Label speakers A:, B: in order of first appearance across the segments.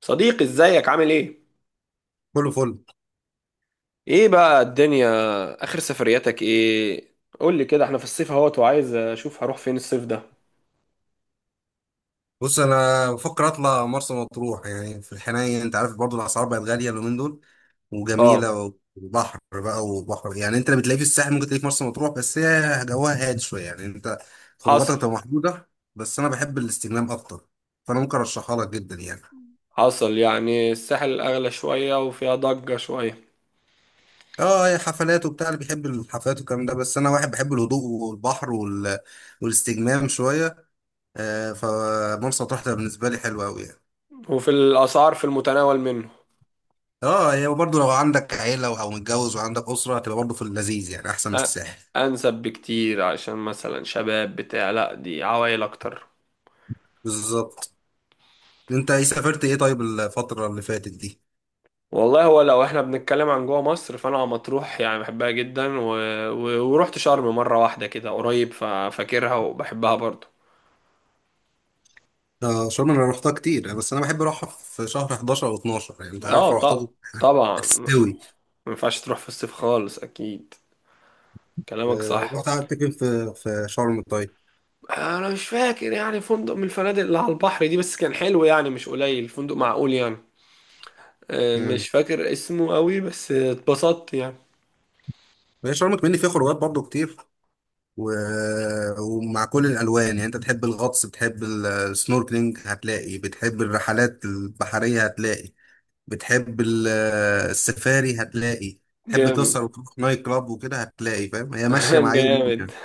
A: صديقي، ازيك؟ عامل ايه؟
B: كله فل.
A: ايه بقى الدنيا؟ اخر سفرياتك ايه؟ قول لي كده، احنا في الصيف اهوت وعايز اشوف هروح فين الصيف ده.
B: بص انا بفكر اطلع مرسى مطروح، يعني في الحنين، انت عارف. برضو الاسعار بقت غاليه اليومين دول،
A: اه،
B: وجميله وبحر بقى. وبحر يعني انت اللي بتلاقيه في الساحل ممكن تلاقيه في مرسى مطروح، بس هي جواها هادي شويه، يعني انت خروجاتك
A: حصل.
B: بتبقى محدوده. بس انا بحب الاستجمام اكتر، فانا ممكن ارشحها لك جدا يعني.
A: حصل يعني الساحل اغلى شوية وفيها ضجة شوية.
B: اه هي حفلات وبتاع، اللي بيحب الحفلات والكلام ده، بس انا واحد بحب الهدوء والبحر والاستجمام شويه. فمرسى مطروح ده بالنسبه لي حلوه قوي.
A: وفي الاسعار في المتناول منه.
B: اه هي برضه لو عندك عيلة او متجوز وعندك أسرة، هتبقى برضه في اللذيذ، يعني احسن من
A: أ-
B: الساحل.
A: انسب بكتير عشان مثلا شباب بتاع، لا دي عوائل اكتر.
B: بالظبط. انت ايه سافرت ايه طيب الفترة اللي فاتت دي؟
A: والله هو لو احنا بنتكلم عن جوه مصر، فانا مطروح يعني بحبها جدا ورحت شرم مرة واحدة كده قريب، ففاكرها وبحبها برضه.
B: آه شرم انا رحتها كتير، بس انا بحب اروحها في شهر 11 او 12، يعني انت عارف
A: اه،
B: لو رحتها
A: طبعا ما
B: هتستوي.
A: ينفعش تروح في الصيف خالص، اكيد. كلامك
B: آه
A: صح.
B: رحت قعدت فين في شرم طيب؟
A: انا مش فاكر يعني فندق من الفنادق اللي على البحر دي، بس كان حلو يعني، مش قليل، فندق معقول يعني.
B: امم.
A: مش فاكر اسمه قوي بس اتبسطت يعني.
B: هي شرم كمان فيها خروجات برضه كتير، و... ومع كل الالوان. يعني انت بتحب الغطس، بتحب السنوركلينج هتلاقي، بتحب الرحلات البحرية هتلاقي، بتحب السفاري هتلاقي، تحب
A: جامد.
B: تسهر وتروح نايت كلاب وكده هتلاقي، فاهم؟ هي ماشيه مع اي يوم
A: جامد.
B: يعني.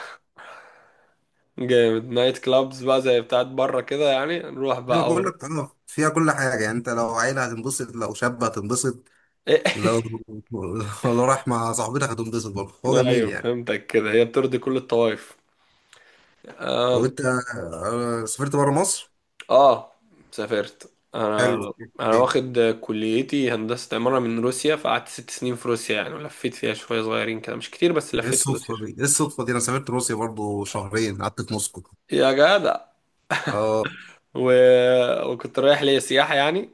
A: جامد، نايت كلابز بقى زي بتاعت بره كده، يعني نروح
B: انا
A: بقى
B: بقول لك اه فيها كل حاجه، يعني انت لو عيله هتنبسط، لو شاب هتنبسط، لو لو رايح مع صاحبتك هتنبسط برضه، هو جميل
A: ايوه،
B: يعني.
A: فهمتك كده، هي بترضي كل الطوائف.
B: لو انت سافرت بره مصر؟
A: اه، سافرت انا.
B: حلو اوكي.
A: انا
B: ايه
A: واخد كليتي هندسة عمارة من روسيا، فقعدت 6 سنين في روسيا يعني، ولفيت فيها شوية صغيرين كده مش كتير، بس لفيت في روسيا شوية.
B: الصدفه دي، انا سافرت روسيا برضه، شهرين قعدت في موسكو.
A: يا جدع،
B: اه
A: و... وكنت رايح ليا سياحة يعني.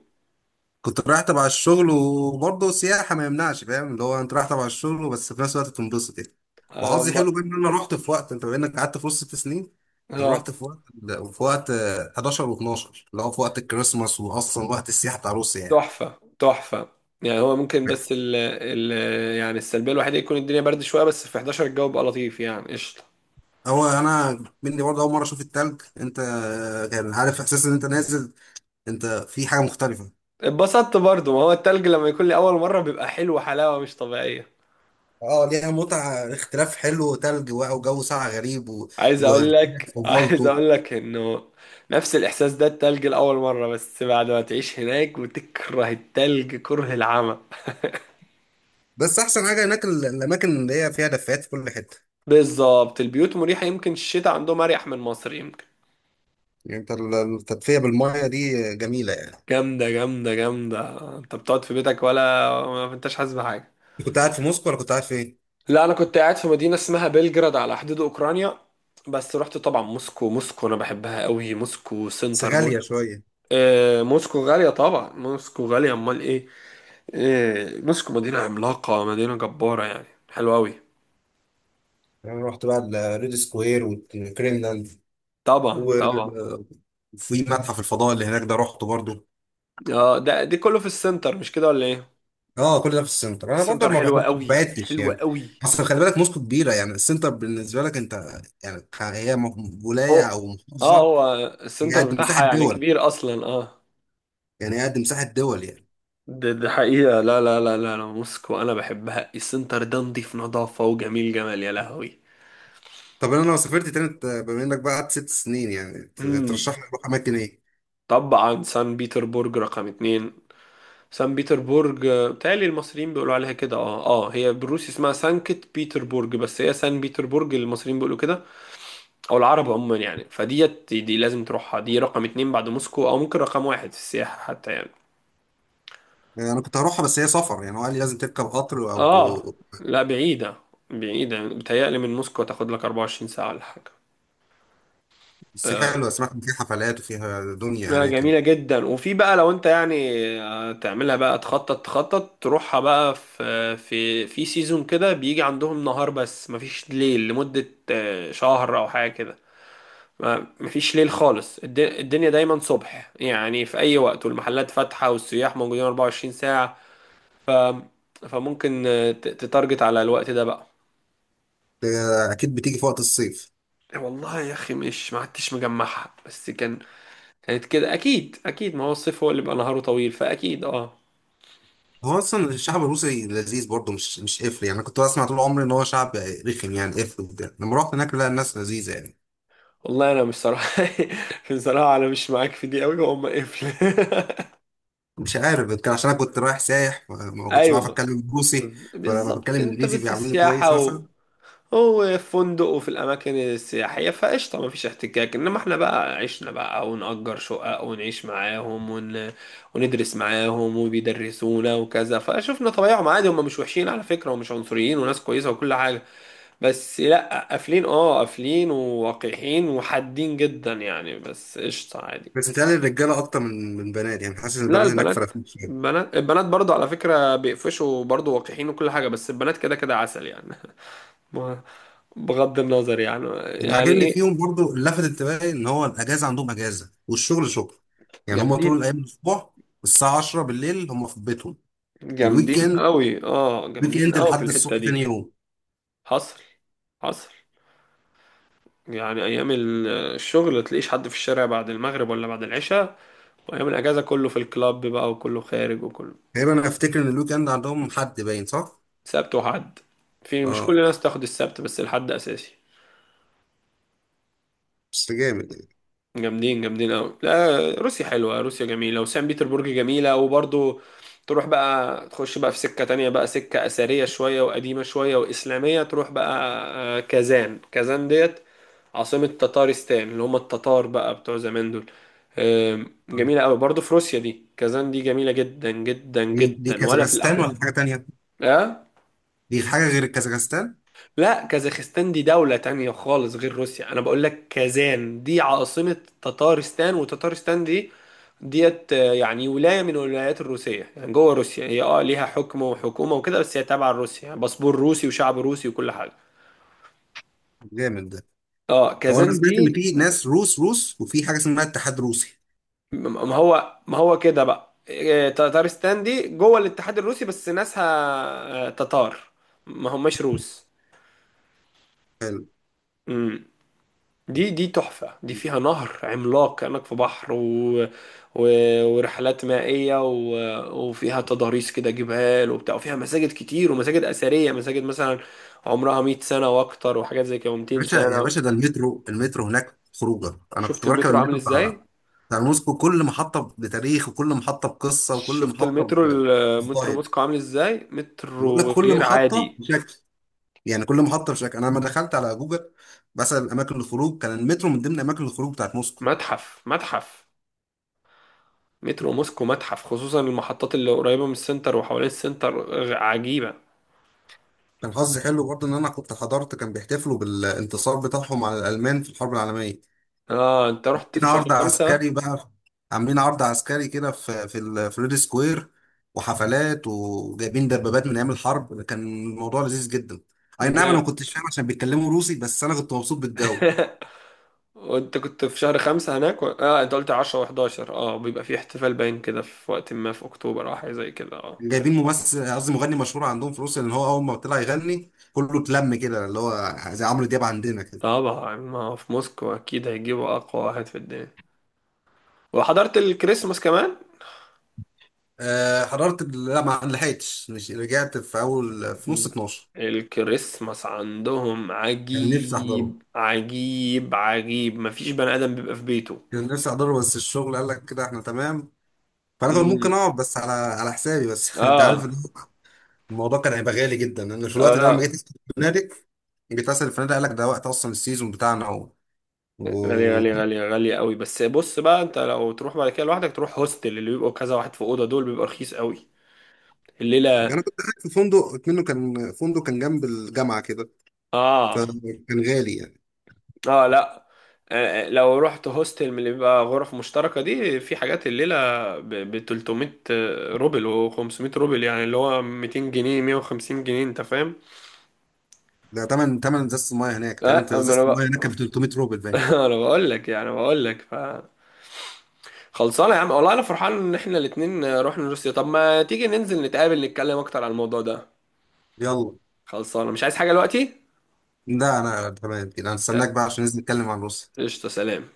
B: كنت رايح تبع الشغل وبرضه سياحة، ما يمنعش، فاهم؟ اللي هو انت رايح تبع الشغل بس في نفس الوقت تنبسط يعني.
A: انا
B: وحظي
A: ب...
B: حلو بقى ان انا رحت في وقت، انت بما انك قعدت في وسط ست سنين، انا رحت
A: اه،
B: في وقت، في وقت 11 و12، اللي هو في وقت الكريسماس، واصلا وقت السياحة بتاع روسيا يعني.
A: تحفة تحفة. يعني هو ممكن، بس يعني السلبية الوحيدة يكون الدنيا برد شوية، بس في 11 الجو بقى لطيف يعني، قشطة.
B: هو انا مني برضه اول مرة اشوف التلج، انت كان عارف احساس ان انت نازل، انت في حاجة مختلفة.
A: اتبسطت برضو، ما هو التلج لما يكون لي أول مرة بيبقى حلو حلاوة مش طبيعية.
B: اه ليها متعة، اختلاف حلو، تلج بقى وجو ساقع غريب وجو
A: عايز اقول لك عايز
B: فضلته.
A: اقول لك انه نفس الاحساس ده التلج لاول مره، بس بعد ما تعيش هناك وتكره التلج كره العمى.
B: بس احسن حاجه هناك الاماكن اللي هي فيها دفايات في كل حته.
A: بالظبط، البيوت مريحه، يمكن الشتاء عندهم اريح من مصر يمكن.
B: يعني انت التدفئه بالميه دي جميله يعني.
A: جامده، جامده، جامده. انت بتقعد في بيتك ولا ما انتش حاسس بحاجه؟
B: كنت قاعد في موسكو ولا كنت قاعد فين؟
A: لا، انا كنت قاعد في مدينه اسمها بلجراد على حدود اوكرانيا. بس رحت طبعا موسكو. موسكو انا بحبها قوي، موسكو
B: بس
A: سنتر
B: غاليه
A: موسكو.
B: شويه.
A: آه، موسكو غاليه طبعا، موسكو غاليه، امال ايه. إيه، مسكوا مدينة عملاقة، مدينة جبارة يعني، حلوة أوي.
B: يعني انا رحت بقى الريد سكوير والكريملين،
A: طبعا، طبعا.
B: وفي متحف الفضاء اللي هناك ده رحته برضو.
A: اه، دي كله في السنتر، مش كده ولا ايه؟
B: اه كل ده في السنتر، انا برضو
A: السنتر حلوة
B: ما
A: أوي،
B: بعدتش
A: حلوة
B: يعني.
A: أوي.
B: اصل خلي بالك موسكو كبيره، يعني السنتر بالنسبه لك انت يعني. هي ولايه
A: اه،
B: او
A: اه،
B: محافظه.
A: هو
B: هي
A: السنتر
B: قد مساحه
A: بتاعها يعني
B: دول
A: كبير أصلا، اه.
B: يعني، هي قد مساحه دول يعني.
A: ده حقيقة، لا لا لا لا لا، موسكو أنا بحبها، السنتر ده نضيف نظافة، وجميل جمال، يا لهوي.
B: طب انا لو سافرت تاني بما انك بقى قعدت ست سنين، يعني
A: امم
B: ترشح لي اروح اماكن ايه؟
A: طبعا سان بيتربورج رقم 2. سان بيتربورج، بتهيألي المصريين بيقولوا عليها كده. اه هي بالروسي اسمها سانكت بيتربورج، بس هي سان بيتربورج المصريين بيقولوا كده، او العرب عموما يعني. فديت دي لازم تروحها، دي رقم 2 بعد موسكو، او ممكن رقم واحد في السياحة حتى يعني.
B: يعني انا كنت هروحها، بس هي سفر يعني، هو قال لي لازم تركب قطر او.
A: اه، لا بعيدة. بعيدة يعني. بتهيألي من موسكو تاخد لك 24 ساعة ولا حاجة.
B: بس
A: آه،
B: حلوه، سمعت ان في حفلات وفيها دنيا
A: لا،
B: هناك.
A: جميلة جدا. وفي بقى لو انت يعني تعملها بقى، تخطط تخطط تروحها بقى في سيزون كده، بيجي عندهم نهار بس مفيش ليل لمدة شهر او حاجة كده. مفيش ليل خالص. الدنيا دايما صبح يعني في اي وقت، والمحلات فاتحة والسياح موجودين 24 ساعة. ف فممكن تتارجت على الوقت ده بقى.
B: آه، اكيد بتيجي في وقت الصيف.
A: إيه، والله يا اخي، مش ما عدتش مجمعها بس كان. كانت كده اكيد، اكيد. ما هو الصيف هو اللي بيبقى نهاره طويل، فاكيد، اه.
B: هو اصلا الشعب الروسي لذيذ برضه، مش قفل يعني. انا كنت بسمع طول عمري ان هو شعب رخم يعني، قفل وكده، لما رحت هناك لا الناس لذيذه يعني.
A: والله انا مش صراحه. بصراحه انا مش معاك في دي قوي، وهم قفل.
B: مش عارف، يمكن عشان انا كنت رايح سايح، ما كنتش بعرف
A: ايوه،
B: اتكلم روسي، فلما بتكلم
A: بالظبط. انت
B: انجليزي
A: بس
B: بيعاملوني كويس
A: السياحه
B: مثلا.
A: هو في فندق وفي الاماكن السياحيه، فقشطه ما فيش احتكاك. انما احنا بقى عشنا بقى، ونأجر شقق ونعيش معاهم وندرس معاهم وبيدرسونا وكذا، فشفنا طبيعهم عادي. هم مش وحشين على فكره، ومش عنصريين، وناس كويسه وكل حاجه. بس لا، قافلين. اه، قافلين ووقحين وحادين جدا يعني، بس قشطه عادي.
B: بس بتهيألي الرجاله اكتر من بنات، يعني حاسس ان
A: لا،
B: البنات هناك
A: البنات.
B: فرقت شويه.
A: البنات برضه، على فكرة، بيقفشوا برضه، وقحين وكل حاجة، بس البنات كده كده عسل يعني. ما- بغض النظر يعني.
B: اللي
A: يعني
B: عاجبني
A: ايه؟
B: فيهم برضو، اللي لفت انتباهي، ان هو الاجازه عندهم اجازه والشغل شغل. يعني هم طول
A: جامدين،
B: الايام الاسبوع الساعه 10 بالليل هم في بيتهم. الويك
A: جامدين
B: اند،
A: قوي. اه،
B: ويك
A: جامدين
B: اند
A: قوي في
B: لحد
A: الحتة
B: الصبح تاني
A: دي.
B: يوم.
A: حصل. حصل. يعني ايام الشغل تلاقيش حد في الشارع بعد المغرب ولا بعد العشاء. وايام الاجازة كله في الكلاب بقى، وكله خارج، وكله.
B: تقريبا انا افتكر ان الويك اند عندهم حد، باين صح؟
A: سبت وحد. في مش كل
B: اه
A: الناس تاخد السبت، بس الحد اساسي.
B: بس جامد يعني.
A: جامدين، جامدين قوي. لا، روسيا حلوة. روسيا جميلة وسان بيتربورج جميلة، وبرضو تروح بقى، تخش بقى في سكة تانية بقى، سكة أثرية شوية وقديمة شوية وإسلامية، تروح بقى كازان. كازان ديت عاصمة تتارستان اللي هم التتار بقى بتوع زمان دول. جميلة قوي برضو في روسيا دي. كازان دي جميلة جدا جدا
B: دي
A: جدا، ولا في
B: كازاخستان ولا
A: الأحلام.
B: حاجه تانيه؟
A: اه
B: دي حاجه غير الكازاخستان؟
A: لا، كازاخستان دي دولة تانية خالص غير روسيا. أنا بقول لك كازان دي عاصمة تتارستان، وتتارستان دي ديت يعني ولاية من الولايات الروسية يعني، جوه روسيا. هي اه ليها حكم وحكومة وكده، بس هي تابعة لروسيا يعني، باسبور روسي وشعب روسي وكل حاجة.
B: جامد ده.
A: اه،
B: هو انا
A: كازان
B: سمعت ان
A: دي.
B: في ناس روس، وفي حاجه اسمها اتحاد روسي.
A: م- ما هو، كده بقى، تتارستان دي جوه الاتحاد الروسي، بس ناسها تتار، ما هماش روس. دي تحفة. دي فيها نهر عملاق كأنك في بحر، و... ورحلات مائية، وفيها تضاريس كده جبال وبتاع، وفيها مساجد كتير ومساجد أثرية. مساجد مثلا عمرها 100 سنة وأكتر، وحاجات زي كده، و200
B: باشا يا
A: سنة.
B: باشا، ده المترو، المترو هناك خروجه، انا كنت
A: شفت
B: بركب
A: المترو عامل
B: المترو
A: إزاي؟
B: بتاع، بتاع موسكو، كل محطه بتاريخ، وكل محطه بقصه، وكل
A: شفت
B: محطه
A: المترو
B: بستايل.
A: موسكو عامل إزاي؟
B: بقول لك
A: مترو
B: كل
A: غير
B: محطه
A: عادي.
B: بشكل، يعني كل محطه بشكل. انا لما دخلت على جوجل بسال اماكن الخروج، كان المترو من ضمن اماكن الخروج بتاعت موسكو.
A: متحف، متحف. مترو موسكو متحف، خصوصا المحطات اللي قريبة من السنتر وحوالين السنتر. عجيبة.
B: كان حظي حلو برضه ان انا كنت حضرت، كان بيحتفلوا بالانتصار بتاعهم على الالمان في الحرب العالميه،
A: اه، انت رحت
B: عاملين
A: في شهر
B: عرض
A: خمسة
B: عسكري بقى، عاملين عرض عسكري كده في الفريد سكوير، وحفلات، وجايبين دبابات من ايام الحرب، كان الموضوع لذيذ جدا. اي نعم انا ما كنتش فاهم عشان بيتكلموا روسي، بس انا كنت مبسوط بالجو.
A: وانت كنت في شهر 5 هناك و... اه انت قلت 10 و11، اه، بيبقى في احتفال باين كده، في وقت ما في اكتوبر او حاجة زي كده، اه.
B: جايبين ممثل، قصدي مغني مشهور عندهم في روسيا، لان هو اول ما طلع يغني كله اتلم كده، اللي هو زي عمرو دياب عندنا كده.
A: طبعا، ما هو في موسكو اكيد هيجيبوا اقوى واحد في الدنيا. وحضرت الكريسماس كمان.
B: أه حضرت لا ما لحقتش، مش رجعت في اول في نص 12.
A: الكريسماس عندهم
B: كان نفسي احضره،
A: عجيب عجيب عجيب، مفيش بني ادم بيبقى في بيته.
B: كان نفسي احضره، بس الشغل قال لك كده احنا تمام. فانا كان ممكن
A: امم.
B: اقعد بس على حسابي بس انت عارف
A: اه،
B: إن الموضوع كان هيبقى غالي جدا، لان في
A: اه،
B: الوقت ده لما جيت
A: لا،
B: اسال الفنادق، قال لك ده وقت اصلا السيزون بتاعنا
A: غالية
B: و...
A: غالية غالية غالية قوي. بس بص بقى، انت لو تروح بعد كده لوحدك، تروح هوستل اللي بيبقوا كذا واحد في اوضه دول، بيبقى رخيص قوي الليلة.
B: انا كنت قاعد في فندق منه، كان فندق كان جنب الجامعه كده،
A: اه،
B: فكان غالي يعني.
A: اه، لا، لو رحت هوستل من اللي بيبقى غرف مشتركة دي، في حاجات الليلة ب 300 روبل و500 روبل يعني، اللي هو 200 جنيه 150 جنيه، انت فاهم؟
B: ده تمن ازازه الميه هناك تقريبا،
A: لا، ما انا
B: ازازه الميه
A: بقى.
B: هناك كانت 300 روبل باين.
A: انا بقول لك يعني، بقول لك. خلصانه يا عم، والله انا فرحان ان احنا الاتنين رحنا روسيا. طب ما تيجي ننزل نتقابل نتكلم اكتر عن الموضوع ده.
B: يلا،
A: خلصانه، مش عايز حاجه دلوقتي.
B: ده انا تمام كده، انا استناك
A: لا.
B: بقى عشان ننزل نتكلم عن روسيا.
A: قشطه، سلام.